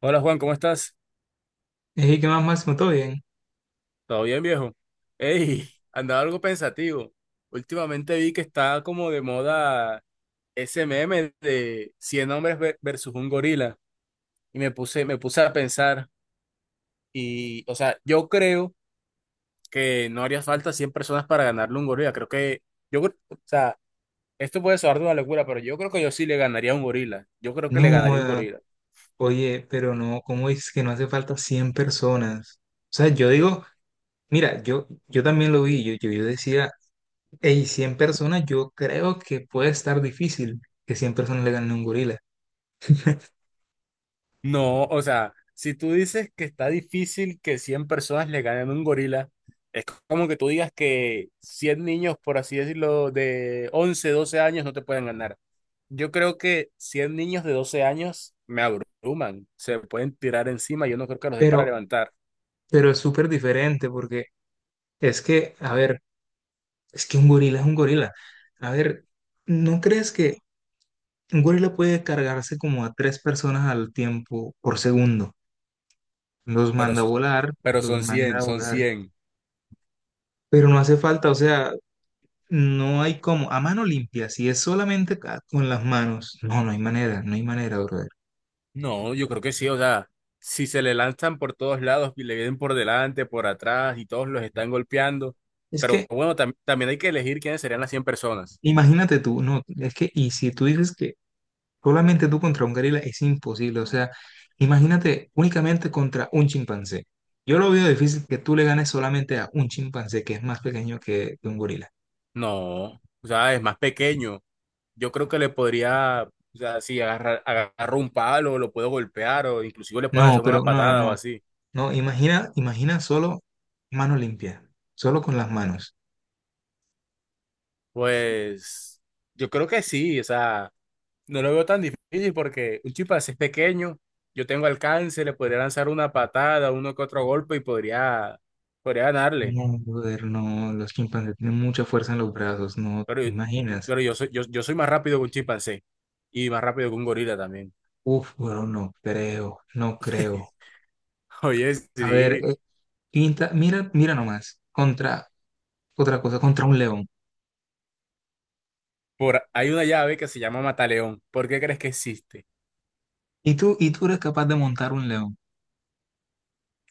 Hola Juan, ¿cómo estás? Ey, ¿qué más, Máximo? ¿Todo bien? ¿Todo bien, viejo? Ey, andaba algo pensativo. Últimamente vi que está como de moda ese meme de 100 hombres versus un gorila. Y me puse a pensar. Y, o sea, yo creo que no haría falta 100 personas para ganarle a un gorila. Creo que, o sea, esto puede sonar de una locura, pero yo creo que yo sí le ganaría a un gorila. Yo creo No, que le ganaría a un gorila. oye, pero no, ¿cómo dices que no hace falta 100 personas? O sea, yo digo, mira, yo también lo vi, yo decía, hey, 100 personas, yo creo que puede estar difícil que 100 personas le ganen a un gorila, No, o sea, si tú dices que está difícil que 100 personas le ganen a un gorila, es como que tú digas que 100 niños, por así decirlo, de 11 12 años no te pueden ganar. Yo creo que 100 niños de 12 años me abruman, se pueden tirar encima, yo no creo que los dé para pero, levantar, pero es súper diferente porque es que, a ver, es que un gorila es un gorila. A ver, ¿no crees que un gorila puede cargarse como a tres personas al tiempo por segundo? Los pero, manda a s- volar, pero los son manda 100, a son volar. 100. Pero no hace falta, o sea, no hay como, a mano limpia, si es solamente con las manos, no, no hay manera, no hay manera, brother. No, yo creo que sí, o sea, si se le lanzan por todos lados y le vienen por delante, por atrás y todos los están golpeando, Es pero que, bueno, también hay que elegir quiénes serían las 100 personas. imagínate tú, no, es que, y si tú dices que solamente tú contra un gorila es imposible, o sea, imagínate únicamente contra un chimpancé. Yo lo veo difícil que tú le ganes solamente a un chimpancé que es más pequeño que un gorila. No, o sea, es más pequeño. Yo creo que le podría, o sea, si agarro un palo, lo puedo golpear o inclusive le pueden No, hacer pero una no, no, patada o no, así. no, imagina, imagina solo mano limpia, solo con las manos. Pues yo creo que sí, o sea. No lo veo tan difícil porque un chimpancé es pequeño, yo tengo alcance, le podría lanzar una patada, uno que otro golpe y podría ganarle. No, brother, no, los chimpancés tienen mucha fuerza en los brazos, no Pero, te imaginas. pero yo soy más rápido que un chimpancé y más rápido que un gorila también. Uf, bro, no creo, no creo. Oye, A ver, sí, pinta, mira, mira nomás, contra otra cosa, contra un león. Hay una llave que se llama Mataleón. ¿Por qué crees que existe? Y tú eres capaz de montar un león,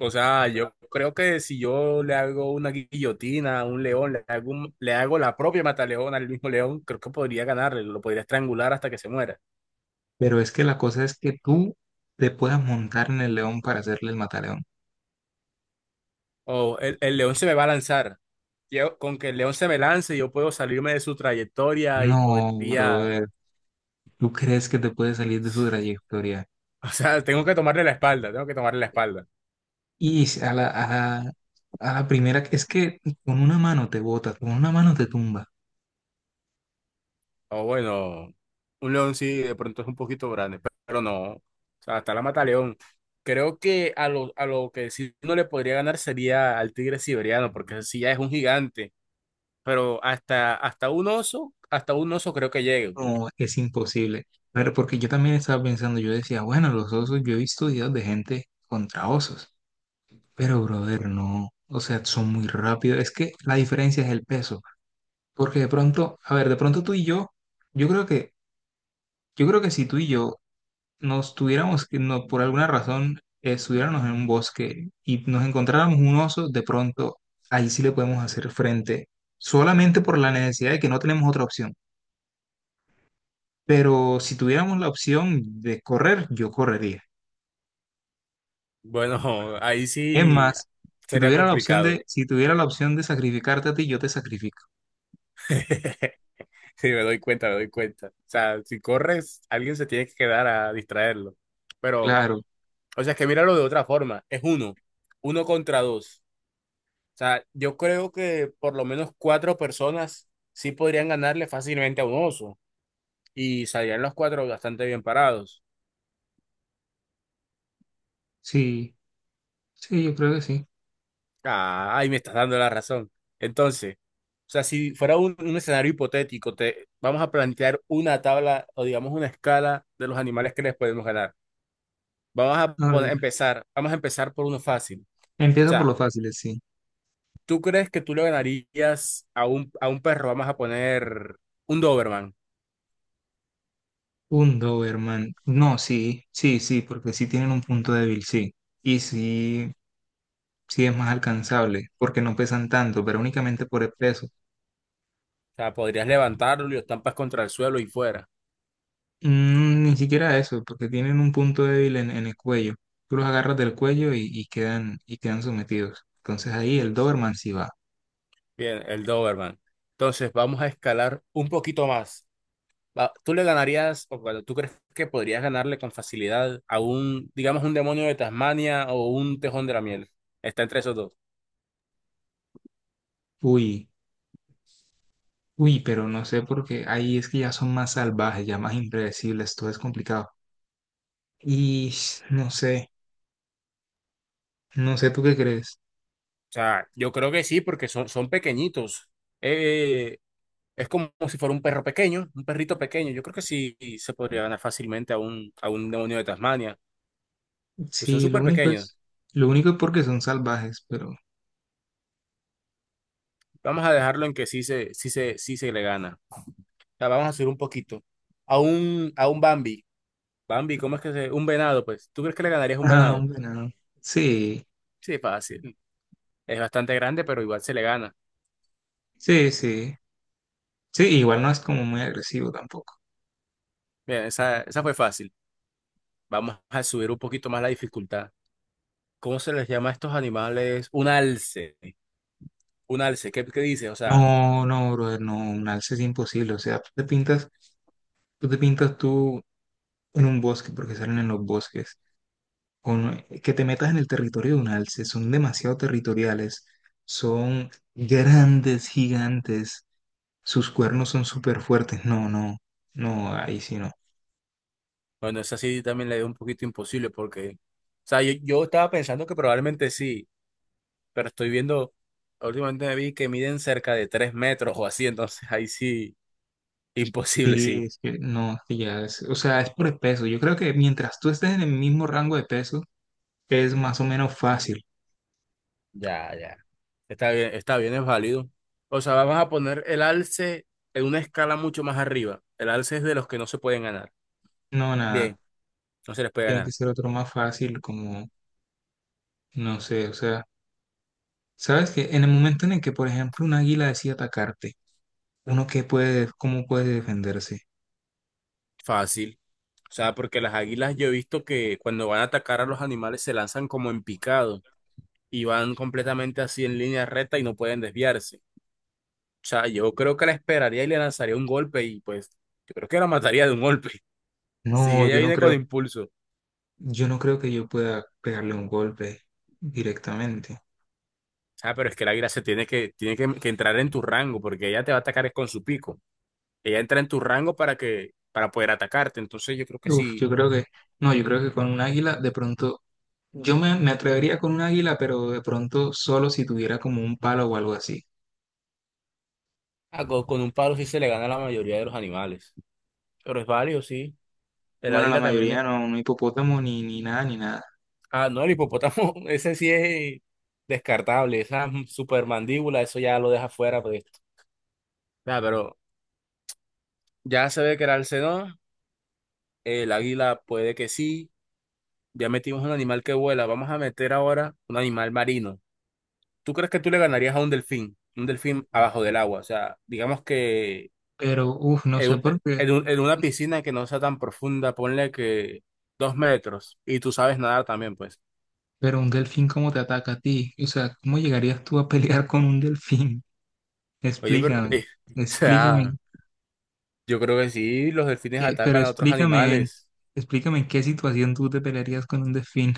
O sea, yo creo que si yo le hago una guillotina a un león, le hago la propia mataleón al mismo león, creo que podría ganarle, lo podría estrangular hasta que se muera. pero es que la cosa es que tú te puedas montar en el león para hacerle el mataleón. Oh, el león se me va a lanzar. Yo, con que el león se me lance, yo puedo salirme de su trayectoria y No, podría... brother, ¿tú crees que te puedes salir de su trayectoria? O sea, tengo que tomarle la espalda, tengo que tomarle la espalda. Y si la, a la primera, es que con una mano te botas, con una mano te tumba. O bueno, un león sí, de pronto es un poquito grande, pero no. O sea, hasta la mata león. Creo que a lo que sí no le podría ganar sería al tigre siberiano, porque ese sí ya es un gigante. Pero hasta un oso, hasta un oso creo que llegue. No, es imposible. Pero porque yo también estaba pensando, yo decía, bueno, los osos, yo he visto videos de gente contra osos, pero brother, no, o sea, son muy rápidos. Es que la diferencia es el peso, porque de pronto, a ver, de pronto tú y yo, yo creo que, yo creo que si tú y yo nos tuviéramos, que no, por alguna razón, estuviéramos en un bosque y nos encontráramos un oso, de pronto, ahí sí le podemos hacer frente, solamente por la necesidad de que no tenemos otra opción. Pero si tuviéramos la opción de correr, yo correría. Bueno, ahí Es sí más, si sería tuviera la opción complicado. de, si tuviera la opción de sacrificarte a ti, yo te sacrifico. Sí, me doy cuenta, me doy cuenta. O sea, si corres, alguien se tiene que quedar a distraerlo. Pero, Claro, o sea, es que míralo de otra forma. Es uno contra dos. O sea, yo creo que por lo menos cuatro personas sí podrían ganarle fácilmente a un oso. Y salían los cuatro bastante bien parados. sí, sí, yo creo que sí. Ah, ahí me estás dando la razón. Entonces, o sea, si fuera un escenario hipotético, te vamos a plantear una tabla o digamos una escala de los animales que les podemos ganar. Vamos a A poner- ver, empezar, vamos a empezar por uno fácil. O empiezo por sea, lo fáciles, sí. ¿tú crees que tú le ganarías a un perro? Vamos a poner un Doberman. Un Doberman. No, sí, sí, sí, porque sí tienen un punto débil, sí. Y sí, sí es más alcanzable, porque no pesan tanto, pero únicamente por el peso. O sea, podrías levantarlo y lo estampas contra el suelo y fuera. Mm, ni siquiera eso, porque tienen un punto débil en el cuello. Tú los agarras del cuello y quedan, y quedan, sometidos. Entonces ahí el Doberman sí va. Bien, el Doberman. Entonces, vamos a escalar un poquito más. ¿Tú le ganarías, o bueno, tú crees que podrías ganarle con facilidad a un, digamos, un demonio de Tasmania o un tejón de la miel? Está entre esos dos. O Uy, uy, pero no sé porque ahí es que ya son más salvajes, ya más impredecibles, todo es complicado. Y no sé, no sé tú qué crees. sea, yo creo que sí, porque son pequeñitos. Eh, Es como si fuera un perro pequeño, un perrito pequeño. Yo creo que sí se podría ganar fácilmente a un demonio de Tasmania. Pues son Sí, lo súper único es, pequeños. lo único es porque son salvajes, pero... Vamos a dejarlo en que sí se le gana. O sea, vamos a subir un poquito. A un Bambi. Bambi, ¿cómo es que se...? Un venado, pues. ¿Tú crees que le ganarías a un Ah, venado? un venado. Sí, Sí, fácil. Es bastante grande, pero igual se le gana. sí, sí. Sí, igual no es como muy agresivo tampoco. Bien, esa fue fácil. Vamos a subir un poquito más la dificultad. ¿Cómo se les llama a estos animales? Un alce. Un alce. ¿Qué dices? O sea... No, no, brother, no, un alce es imposible. O sea, Tú te pintas tú en un bosque, porque salen en los bosques, que te metas en el territorio de un alce, son demasiado territoriales, son grandes, gigantes, sus cuernos son súper fuertes, no, no, no, ahí sí no. Bueno, esa sí también la veo un poquito imposible porque, o sea, yo estaba pensando que probablemente sí, pero estoy viendo, últimamente me vi que miden cerca de 3 metros o así, entonces ahí sí, imposible, Sí, sí. es que no, sí ya es, o sea, es por el peso, yo creo que mientras tú estés en el mismo rango de peso, es más o menos fácil, Ya, ya. Está bien, es válido. O sea, vamos a poner el alce en una escala mucho más arriba. El alce es de los que no se pueden ganar. no, nada, Bien, no se les puede tiene que ganar. ser otro más fácil, como, no sé, o sea, sabes que en el momento en el que, por ejemplo, un águila decide atacarte, uno qué puede, cómo puede defenderse. Fácil. O sea, porque las águilas yo he visto que cuando van a atacar a los animales se lanzan como en picado, y van completamente así en línea recta y no pueden desviarse. O sea, yo creo que la esperaría y le lanzaría un golpe y pues yo creo que la mataría de un golpe. Si No, ella yo no viene con creo, impulso. O yo no creo que yo pueda pegarle un golpe directamente. sea, pero es que la águila se tiene que entrar en tu rango porque ella te va a atacar es con su pico. Ella entra en tu rango para para poder atacarte. Entonces yo creo que Uf, yo sí, creo que, no, yo creo que con un águila de pronto, yo me atrevería con un águila, pero de pronto solo si tuviera como un palo o algo así. ah, con un palo sí se le gana a la mayoría de los animales. Pero es válido, sí. El Bueno, la águila también es... mayoría no, no hipopótamo ni nada, ni nada. Ah, no, el hipopótamo, ese sí es descartable. Esa supermandíbula, eso ya lo deja fuera pues. Nah, pero ya se ve que era el Alcedón, el águila puede que sí, ya metimos un animal que vuela, vamos a meter ahora un animal marino. ¿Tú crees que tú le ganarías a un delfín? Un delfín abajo del agua, o sea, digamos que Pero, uf, no en, sé por qué, en una piscina que no sea tan profunda, ponle que 2 metros, y tú sabes nadar también, pues. pero un delfín cómo te ataca a ti. O sea, ¿cómo llegarías tú a pelear con un delfín? Oye, pero, Explícame, o sea, explícame, yo creo que sí, los delfines pero atacan a otros explícame, animales. explícame en qué situación tú te pelearías con un delfín.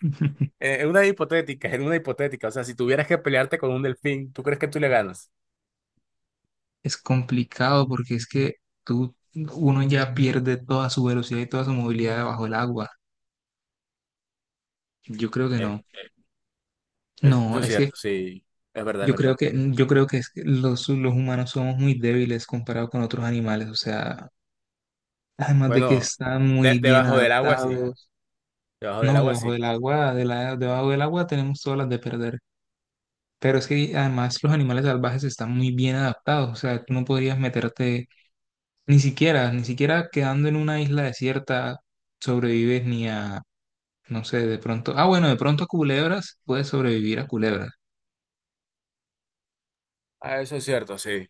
Es una hipotética, o sea, si tuvieras que pelearte con un delfín, ¿tú crees que tú le ganas? Es complicado porque es que tú, uno ya pierde toda su velocidad y toda su movilidad debajo del agua. Yo creo que Eh, no. No, Eso es es que cierto, sí, es verdad, es yo creo verdad. que, yo creo que es que los humanos somos muy débiles comparados con otros animales. O sea, además de que Bueno, están muy bien debajo del agua sí, adaptados, debajo del no, agua debajo sí. del agua, debajo del agua tenemos todas las de perder. Pero es que además los animales salvajes están muy bien adaptados, o sea, tú no podrías meterte ni siquiera, ni siquiera quedando en una isla desierta sobrevives ni a, no sé, de pronto, ah, bueno, de pronto a culebras, puedes sobrevivir a culebras, Ah, eso es cierto, sí.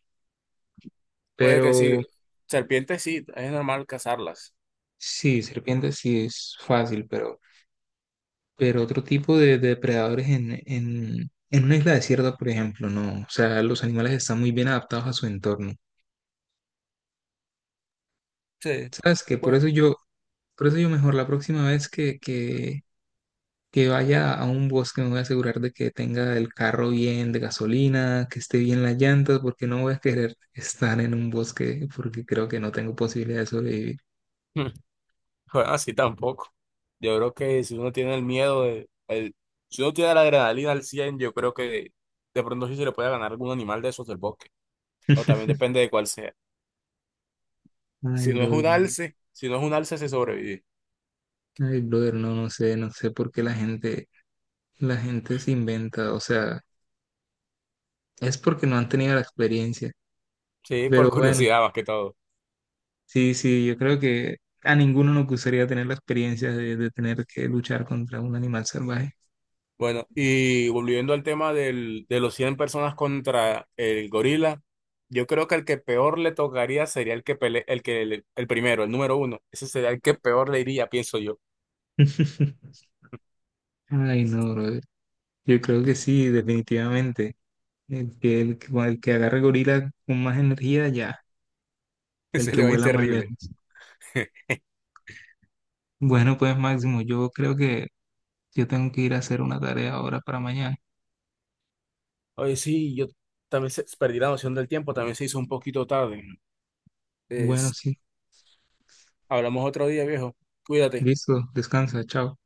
Puede pero que sí. Serpientes sí, es normal cazarlas. sí, serpientes sí es fácil, pero otro tipo de depredadores en una isla desierta, por ejemplo, no, o sea, los animales están muy bien adaptados a su entorno. Sí. ¿Sabes qué? Por Bueno, eso yo, mejor la próxima vez que, que vaya a un bosque, me voy a asegurar de que tenga el carro bien de gasolina, que esté bien las llantas, porque no voy a querer estar en un bosque porque creo que no tengo posibilidad de sobrevivir. bueno, así tampoco. Yo creo que si uno tiene el miedo de, si uno tiene la adrenalina al 100 yo creo que de pronto sí se le puede ganar algún animal de esos del bosque. O también depende de cuál sea. Ay, Si no es brother, un no. alce, si no es un alce, se sobrevive. Ay, brother, no, no sé, no sé por qué la gente, se inventa, o sea, es porque no han tenido la experiencia, Sí, pero por bueno, curiosidad más que todo. sí, sí, yo creo que a ninguno nos gustaría tener la experiencia de tener que luchar contra un animal salvaje. Bueno, y volviendo al tema de los 100 personas contra el gorila, yo creo que el que peor le tocaría sería el que pele- el que le- el, primero, el número uno. Ese sería el que peor le iría, pienso yo. Ay, no, brother. Yo creo que sí, definitivamente. El que agarre gorila con más energía, ya. El Ese que le va a ir vuela más, sí, terrible. lejos. Bueno, pues Máximo, yo creo que yo tengo que ir a hacer una tarea ahora para mañana. Oye, sí, yo también perdí la noción del tiempo, también se hizo un poquito tarde. Bueno, Es- sí. Hablamos otro día, viejo. Cuídate. Listo, descansa, chao.